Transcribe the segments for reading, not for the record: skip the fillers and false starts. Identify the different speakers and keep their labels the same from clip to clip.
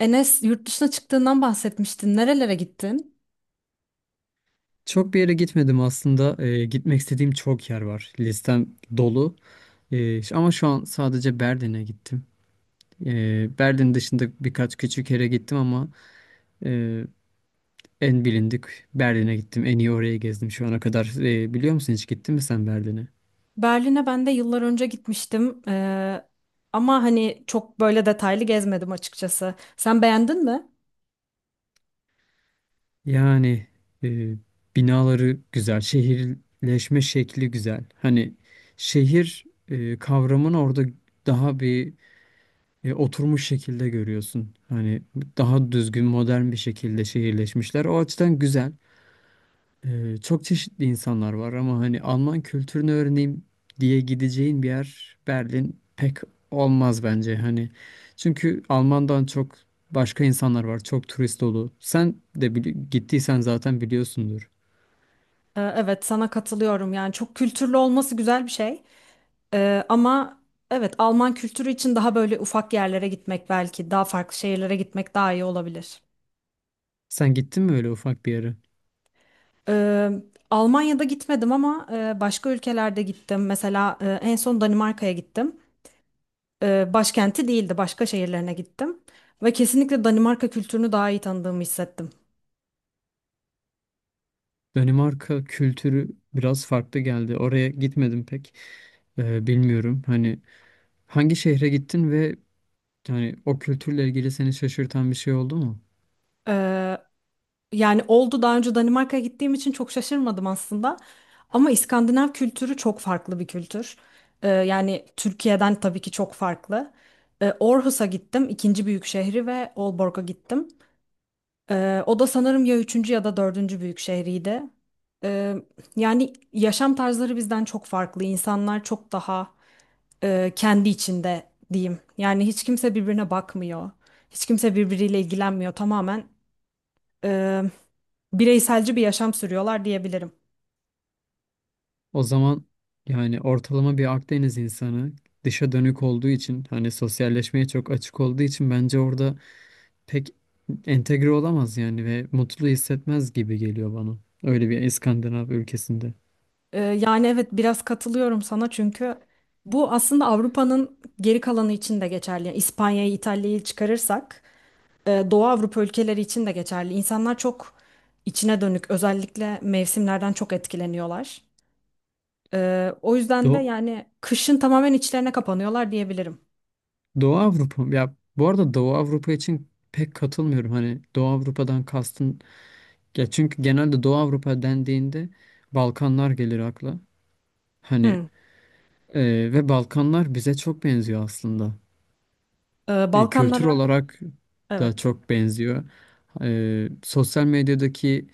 Speaker 1: Enes yurt dışına çıktığından bahsetmiştin. Nerelere gittin?
Speaker 2: Çok bir yere gitmedim aslında. Gitmek istediğim çok yer var. Listem dolu. Ama şu an sadece Berlin'e gittim. Berlin dışında birkaç küçük yere gittim ama e, en bilindik Berlin'e gittim. En iyi orayı gezdim şu ana kadar. Biliyor musun, hiç gittin mi sen Berlin'e?
Speaker 1: Berlin'e ben de yıllar önce gitmiştim. Ama hani çok böyle detaylı gezmedim açıkçası. Sen beğendin mi?
Speaker 2: Yani e, binaları güzel, şehirleşme şekli güzel. Hani şehir kavramını orada daha bir oturmuş şekilde görüyorsun. Hani daha düzgün, modern bir şekilde şehirleşmişler. O açıdan güzel. Çok çeşitli insanlar var ama hani Alman kültürünü öğreneyim diye gideceğin bir yer Berlin pek olmaz bence. Hani çünkü Alman'dan çok başka insanlar var. Çok turist dolu. Sen de gittiysen zaten biliyorsundur.
Speaker 1: Evet sana katılıyorum. Yani çok kültürlü olması güzel bir şey. Ama evet Alman kültürü için daha böyle ufak yerlere gitmek belki daha farklı şehirlere gitmek daha iyi olabilir.
Speaker 2: Sen gittin mi öyle ufak bir yere?
Speaker 1: Ee, Almanya'da gitmedim ama başka ülkelerde gittim. Mesela en son Danimarka'ya gittim. E, başkenti değildi. Başka şehirlerine gittim. Ve kesinlikle Danimarka kültürünü daha iyi tanıdığımı hissettim.
Speaker 2: Danimarka kültürü biraz farklı geldi. Oraya gitmedim pek. E, bilmiyorum. Hani hangi şehre gittin ve yani o kültürle ilgili seni şaşırtan bir şey oldu mu?
Speaker 1: Ee, Yani oldu daha önce Danimarka'ya gittiğim için çok şaşırmadım aslında. Ama İskandinav kültürü çok farklı bir kültür. Yani Türkiye'den tabii ki çok farklı. Aarhus'a gittim, ikinci büyük şehri ve Aalborg'a gittim. O da sanırım ya üçüncü ya da dördüncü büyük şehriydi. Ee, Yani yaşam tarzları bizden çok farklı. İnsanlar çok daha kendi içinde diyeyim. Yani hiç kimse birbirine bakmıyor. Hiç kimse birbiriyle ilgilenmiyor. Tamamen e, bireyselci bir yaşam sürüyorlar diyebilirim.
Speaker 2: O zaman yani ortalama bir Akdeniz insanı dışa dönük olduğu için hani sosyalleşmeye çok açık olduğu için bence orada pek entegre olamaz yani ve mutlu hissetmez gibi geliyor bana. Öyle bir İskandinav ülkesinde.
Speaker 1: Yani evet biraz katılıyorum sana çünkü bu aslında Avrupa'nın geri kalanı için de geçerli. Yani İspanya'yı, İtalya'yı çıkarırsak Doğu Avrupa ülkeleri için de geçerli. İnsanlar çok içine dönük, özellikle mevsimlerden çok etkileniyorlar. O yüzden de
Speaker 2: Do
Speaker 1: yani kışın tamamen içlerine kapanıyorlar diyebilirim.
Speaker 2: Doğu Avrupa ya, bu arada Doğu Avrupa için pek katılmıyorum. Hani Doğu Avrupa'dan kastın ya, çünkü genelde Doğu Avrupa dendiğinde Balkanlar gelir akla. Hani
Speaker 1: Hı.
Speaker 2: Ve Balkanlar bize çok benziyor aslında. Kültür
Speaker 1: Balkanlara
Speaker 2: olarak da
Speaker 1: evet.
Speaker 2: çok benziyor. Sosyal medyadaki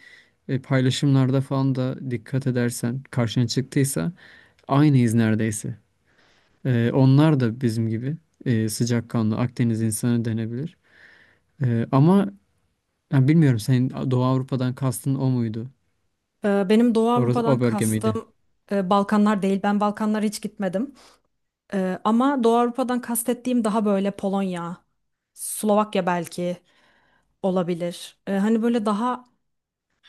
Speaker 2: paylaşımlarda falan da dikkat edersen, karşına çıktıysa, aynıyız neredeyse. Onlar da bizim gibi sıcakkanlı Akdeniz insanı denebilir. Ama yani bilmiyorum, senin Doğu Avrupa'dan kastın o muydu?
Speaker 1: Benim Doğu
Speaker 2: Orası,
Speaker 1: Avrupa'dan
Speaker 2: o bölge miydi?
Speaker 1: kastım Balkanlar değil. Ben Balkanlara hiç gitmedim. Ama Doğu Avrupa'dan kastettiğim daha böyle Polonya, Slovakya belki olabilir. Hani böyle daha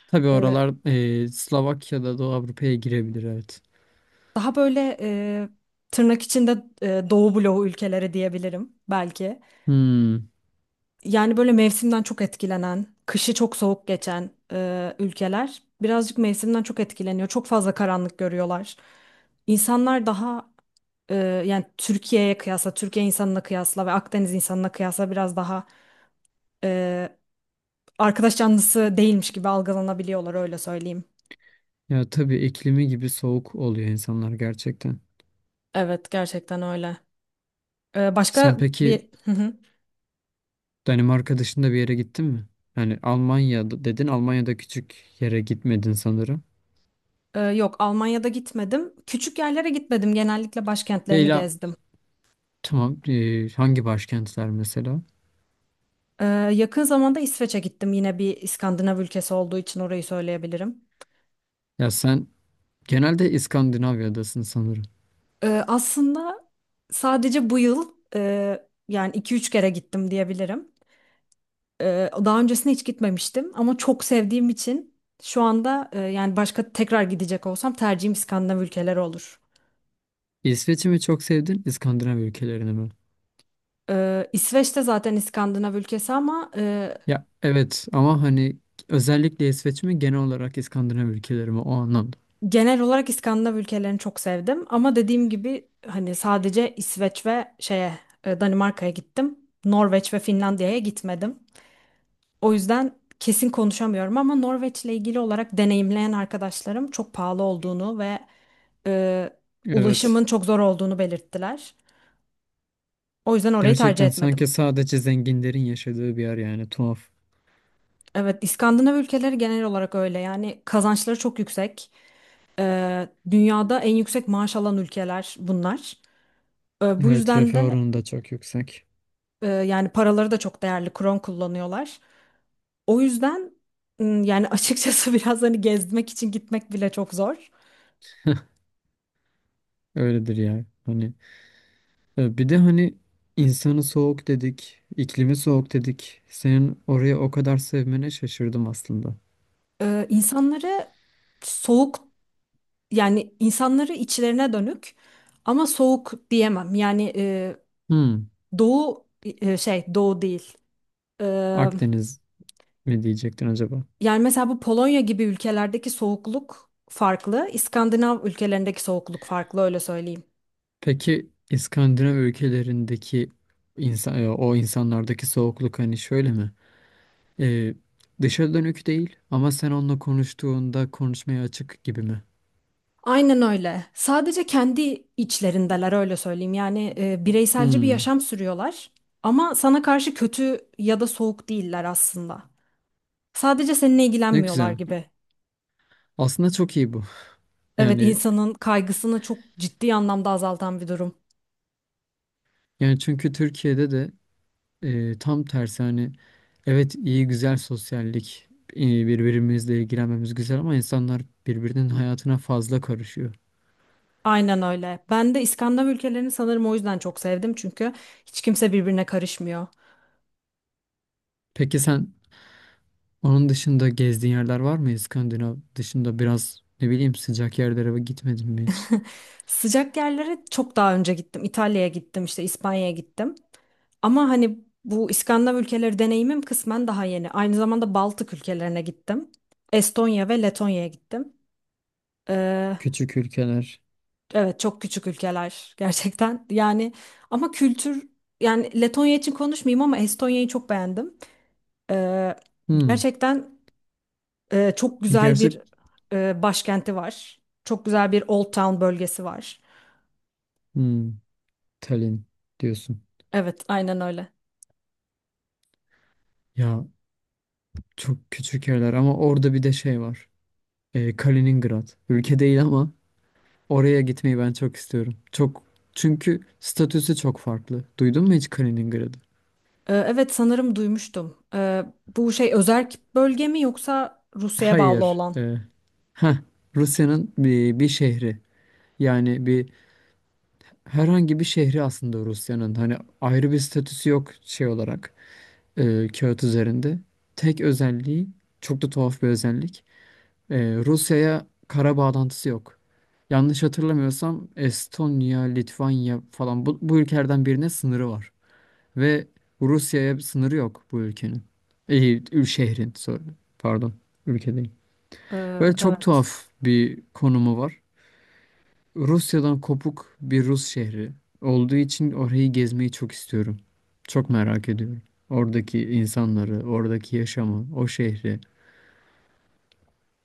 Speaker 2: Tabii
Speaker 1: e,
Speaker 2: oralar, Slovakya'da Doğu Avrupa'ya girebilir, evet.
Speaker 1: Daha böyle tırnak içinde Doğu bloğu ülkeleri diyebilirim belki.
Speaker 2: Hmm.
Speaker 1: Yani böyle mevsimden çok etkilenen, kışı çok soğuk geçen ülkeler birazcık mevsimden çok etkileniyor. Çok fazla karanlık görüyorlar. İnsanlar daha yani Türkiye'ye kıyasla, Türkiye insanına kıyasla ve Akdeniz insanına kıyasla biraz daha e, arkadaş canlısı değilmiş gibi algılanabiliyorlar öyle söyleyeyim.
Speaker 2: Ya tabii, iklimi gibi soğuk oluyor insanlar gerçekten.
Speaker 1: Evet gerçekten öyle. Başka
Speaker 2: Sen peki
Speaker 1: bir...
Speaker 2: Danimarka dışında bir yere gittin mi? Yani Almanya'da dedin, Almanya'da küçük yere gitmedin sanırım.
Speaker 1: Yok Almanya'da gitmedim. Küçük yerlere gitmedim. Genellikle başkentlerini
Speaker 2: Leyla,
Speaker 1: gezdim.
Speaker 2: tamam, hangi başkentler mesela?
Speaker 1: Ee, Yakın zamanda İsveç'e gittim. Yine bir İskandinav ülkesi olduğu için orayı söyleyebilirim.
Speaker 2: Ya sen genelde İskandinavya'dasın sanırım.
Speaker 1: Aslında sadece bu yıl yani iki üç kere gittim diyebilirim. Daha öncesine hiç gitmemiştim ama çok sevdiğim için şu anda yani başka tekrar gidecek olsam tercihim İskandinav ülkeleri olur.
Speaker 2: İsveç'i mi çok sevdin, İskandinav ülkelerini mi?
Speaker 1: İsveç de zaten İskandinav ülkesi ama e,
Speaker 2: Ya evet, ama hani özellikle İsveç mi, genel olarak İskandinav ülkeleri mi o anlamda.
Speaker 1: Genel olarak İskandinav ülkelerini çok sevdim ama dediğim gibi hani sadece İsveç ve şeye Danimarka'ya gittim. Norveç ve Finlandiya'ya gitmedim. O yüzden kesin konuşamıyorum ama Norveç'le ilgili olarak deneyimleyen arkadaşlarım çok pahalı olduğunu ve e,
Speaker 2: Evet.
Speaker 1: ulaşımın çok zor olduğunu belirttiler. O yüzden orayı tercih
Speaker 2: Gerçekten
Speaker 1: etmedim.
Speaker 2: sanki sadece zenginlerin yaşadığı bir yer, yani tuhaf.
Speaker 1: Evet, İskandinav ülkeleri genel olarak öyle. Yani kazançları çok yüksek. Dünyada en yüksek maaş alan ülkeler bunlar. Bu
Speaker 2: Evet,
Speaker 1: yüzden
Speaker 2: refah
Speaker 1: de
Speaker 2: oranı da çok yüksek.
Speaker 1: Yani paraları da çok değerli kron kullanıyorlar. O yüzden yani açıkçası biraz hani gezmek için gitmek bile çok zor.
Speaker 2: Öyledir ya. Hani bir de hani insanı soğuk dedik, iklimi soğuk dedik. Senin orayı o kadar sevmene şaşırdım aslında.
Speaker 1: İnsanları soğuk yani insanları içlerine dönük ama soğuk diyemem. Yani
Speaker 2: Hmm,
Speaker 1: doğu şey doğu değil. Ee,
Speaker 2: Akdeniz mi diyecektin acaba?
Speaker 1: Yani mesela bu Polonya gibi ülkelerdeki soğukluk farklı. İskandinav ülkelerindeki soğukluk farklı öyle söyleyeyim.
Speaker 2: Peki İskandinav ülkelerindeki insan, o insanlardaki soğukluk hani şöyle mi? E, dışa dönük değil ama sen onunla konuştuğunda konuşmaya açık gibi mi?
Speaker 1: Aynen öyle. Sadece kendi içlerindeler öyle söyleyeyim. Yani bireyselci bir
Speaker 2: Hmm,
Speaker 1: yaşam sürüyorlar ama sana karşı kötü ya da soğuk değiller aslında. Sadece seninle
Speaker 2: ne
Speaker 1: ilgilenmiyorlar
Speaker 2: güzel.
Speaker 1: gibi.
Speaker 2: Aslında çok iyi bu.
Speaker 1: Evet,
Speaker 2: Yani
Speaker 1: insanın kaygısını çok ciddi anlamda azaltan bir durum.
Speaker 2: yani çünkü Türkiye'de de e, tam tersi. Hani evet, iyi, güzel sosyallik, birbirimizle ilgilenmemiz güzel, ama insanlar birbirinin hayatına fazla karışıyor.
Speaker 1: Aynen öyle. Ben de İskandinav ülkelerini sanırım o yüzden çok sevdim çünkü hiç kimse birbirine karışmıyor.
Speaker 2: Peki sen onun dışında gezdiğin yerler var mı? İskandinav dışında biraz, ne bileyim, sıcak yerlere gitmedin mi hiç?
Speaker 1: Sıcak yerlere çok daha önce gittim. İtalya'ya gittim, işte İspanya'ya gittim. Ama hani bu İskandinav ülkeleri deneyimim kısmen daha yeni. Aynı zamanda Baltık ülkelerine gittim. Estonya ve Letonya'ya gittim. Ee,
Speaker 2: Küçük ülkeler.
Speaker 1: evet çok küçük ülkeler gerçekten. Yani ama kültür yani Letonya için konuşmayayım ama Estonya'yı çok beğendim. Ee,
Speaker 2: Hmm.
Speaker 1: Gerçekten çok güzel
Speaker 2: Gerçek
Speaker 1: bir başkenti var. Çok güzel bir Old Town bölgesi var.
Speaker 2: hmm. Tallinn diyorsun.
Speaker 1: Evet aynen öyle.
Speaker 2: Ya çok küçük yerler ama orada bir de şey var. E, Kaliningrad. Ülke değil ama oraya gitmeyi ben çok istiyorum. Çok, çünkü statüsü çok farklı. Duydun mu hiç Kaliningrad'ı?
Speaker 1: Evet sanırım duymuştum. Bu şey özerk bölge mi yoksa Rusya'ya bağlı
Speaker 2: Hayır.
Speaker 1: olan?
Speaker 2: Heh, Rusya'nın bir şehri. Yani bir, herhangi bir şehri aslında Rusya'nın. Hani ayrı bir statüsü yok şey olarak, kağıt üzerinde. Tek özelliği, çok da tuhaf bir özellik. E, Rusya'ya kara bağlantısı yok. Yanlış hatırlamıyorsam Estonya, Litvanya falan, bu ülkelerden birine sınırı var. Ve Rusya'ya bir sınırı yok bu ülkenin. İyi, şehrin, sorry. Pardon, ülke değil. Ve çok
Speaker 1: Evet,
Speaker 2: tuhaf bir konumu var. Rusya'dan kopuk bir Rus şehri olduğu için orayı gezmeyi çok istiyorum. Çok merak ediyorum. Oradaki insanları, oradaki yaşamı, o şehri.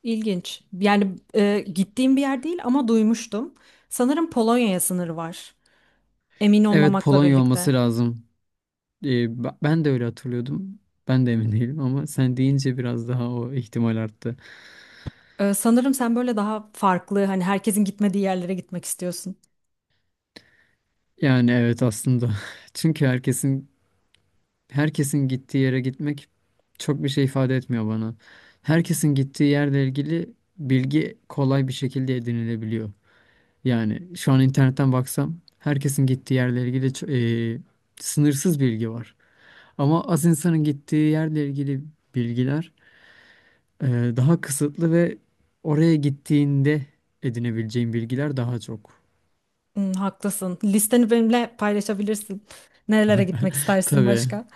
Speaker 1: ilginç. Yani gittiğim bir yer değil ama duymuştum. Sanırım Polonya'ya sınırı var. Emin
Speaker 2: Evet,
Speaker 1: olmamakla
Speaker 2: Polonya
Speaker 1: birlikte.
Speaker 2: olması lazım. Ben de öyle hatırlıyordum. Ben de emin değilim ama sen deyince biraz daha o ihtimal arttı.
Speaker 1: Sanırım sen böyle daha farklı, hani herkesin gitmediği yerlere gitmek istiyorsun.
Speaker 2: Yani evet aslında. Çünkü herkesin gittiği yere gitmek çok bir şey ifade etmiyor bana. Herkesin gittiği yerle ilgili bilgi kolay bir şekilde edinilebiliyor. Yani şu an internetten baksam herkesin gittiği yerle ilgili sınırsız bilgi var. Ama az insanın gittiği yerle ilgili bilgiler e, daha kısıtlı ve oraya gittiğinde edinebileceğin bilgiler daha çok.
Speaker 1: Hmm, haklısın. Listeni benimle paylaşabilirsin. Nerelere gitmek istersin
Speaker 2: Tabii,
Speaker 1: başka?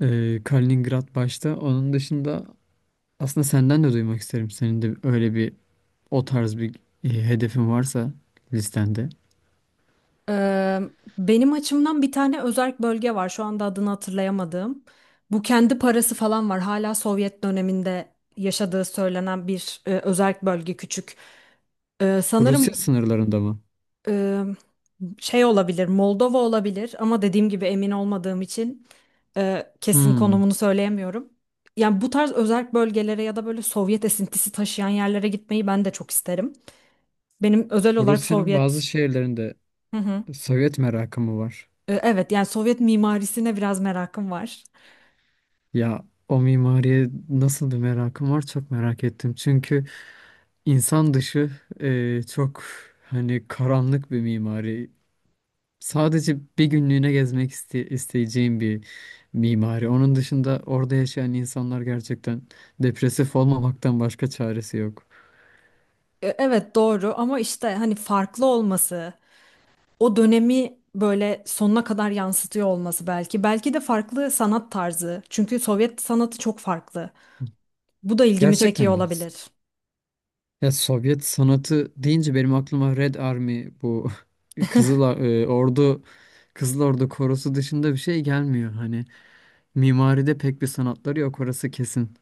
Speaker 2: Kaliningrad başta. Onun dışında aslında senden de duymak isterim. Senin de öyle bir, o tarz bir hedefin varsa listende.
Speaker 1: Eee, Benim açımdan bir tane özerk bölge var. Şu anda adını hatırlayamadığım. Bu kendi parası falan var. Hala Sovyet döneminde yaşadığı söylenen bir özerk bölge küçük. Sanırım
Speaker 2: Rusya sınırlarında mı?
Speaker 1: eee, şey olabilir, Moldova olabilir ama dediğim gibi emin olmadığım için kesin
Speaker 2: Hmm.
Speaker 1: konumunu söyleyemiyorum. Yani bu tarz özerk bölgelere ya da böyle Sovyet esintisi taşıyan yerlere gitmeyi ben de çok isterim. Benim özel olarak
Speaker 2: Rusya'nın bazı
Speaker 1: Sovyet.
Speaker 2: şehirlerinde
Speaker 1: Hı hı.
Speaker 2: Sovyet merakı mı var?
Speaker 1: Evet yani Sovyet mimarisine biraz merakım var.
Speaker 2: Ya o mimariye nasıl bir merakım var, çok merak ettim. Çünkü insan dışı, çok hani karanlık bir mimari. Sadece bir günlüğüne gezmek isteyeceğim bir mimari. Onun dışında orada yaşayan insanlar gerçekten depresif olmamaktan başka çaresi yok.
Speaker 1: Evet doğru ama işte hani farklı olması, o dönemi böyle sonuna kadar yansıtıyor olması belki. Belki de farklı sanat tarzı. Çünkü Sovyet sanatı çok farklı. Bu da ilgimi
Speaker 2: Gerçekten
Speaker 1: çekiyor
Speaker 2: mi?
Speaker 1: olabilir.
Speaker 2: Ya Sovyet sanatı deyince benim aklıma Red Army bu Ordu, Kızıl Ordu korosu dışında bir şey gelmiyor. Hani mimaride pek bir sanatları yok orası kesin.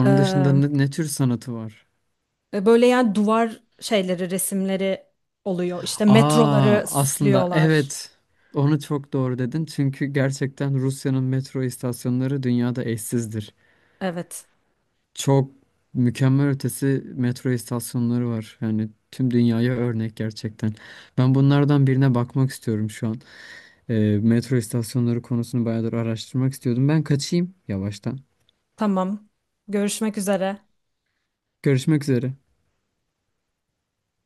Speaker 1: E,
Speaker 2: dışında ne tür sanatı var?
Speaker 1: böyle yani duvar şeyleri, resimleri oluyor. İşte
Speaker 2: Aa
Speaker 1: metroları
Speaker 2: aslında
Speaker 1: süslüyorlar.
Speaker 2: evet, onu çok doğru dedin. Çünkü gerçekten Rusya'nın metro istasyonları dünyada eşsizdir.
Speaker 1: Evet.
Speaker 2: Çok mükemmel ötesi metro istasyonları var. Yani tüm dünyaya örnek gerçekten. Ben bunlardan birine bakmak istiyorum şu an. Metro istasyonları konusunu bayağıdır araştırmak istiyordum. Ben kaçayım yavaştan.
Speaker 1: Tamam. Görüşmek üzere.
Speaker 2: Görüşmek üzere.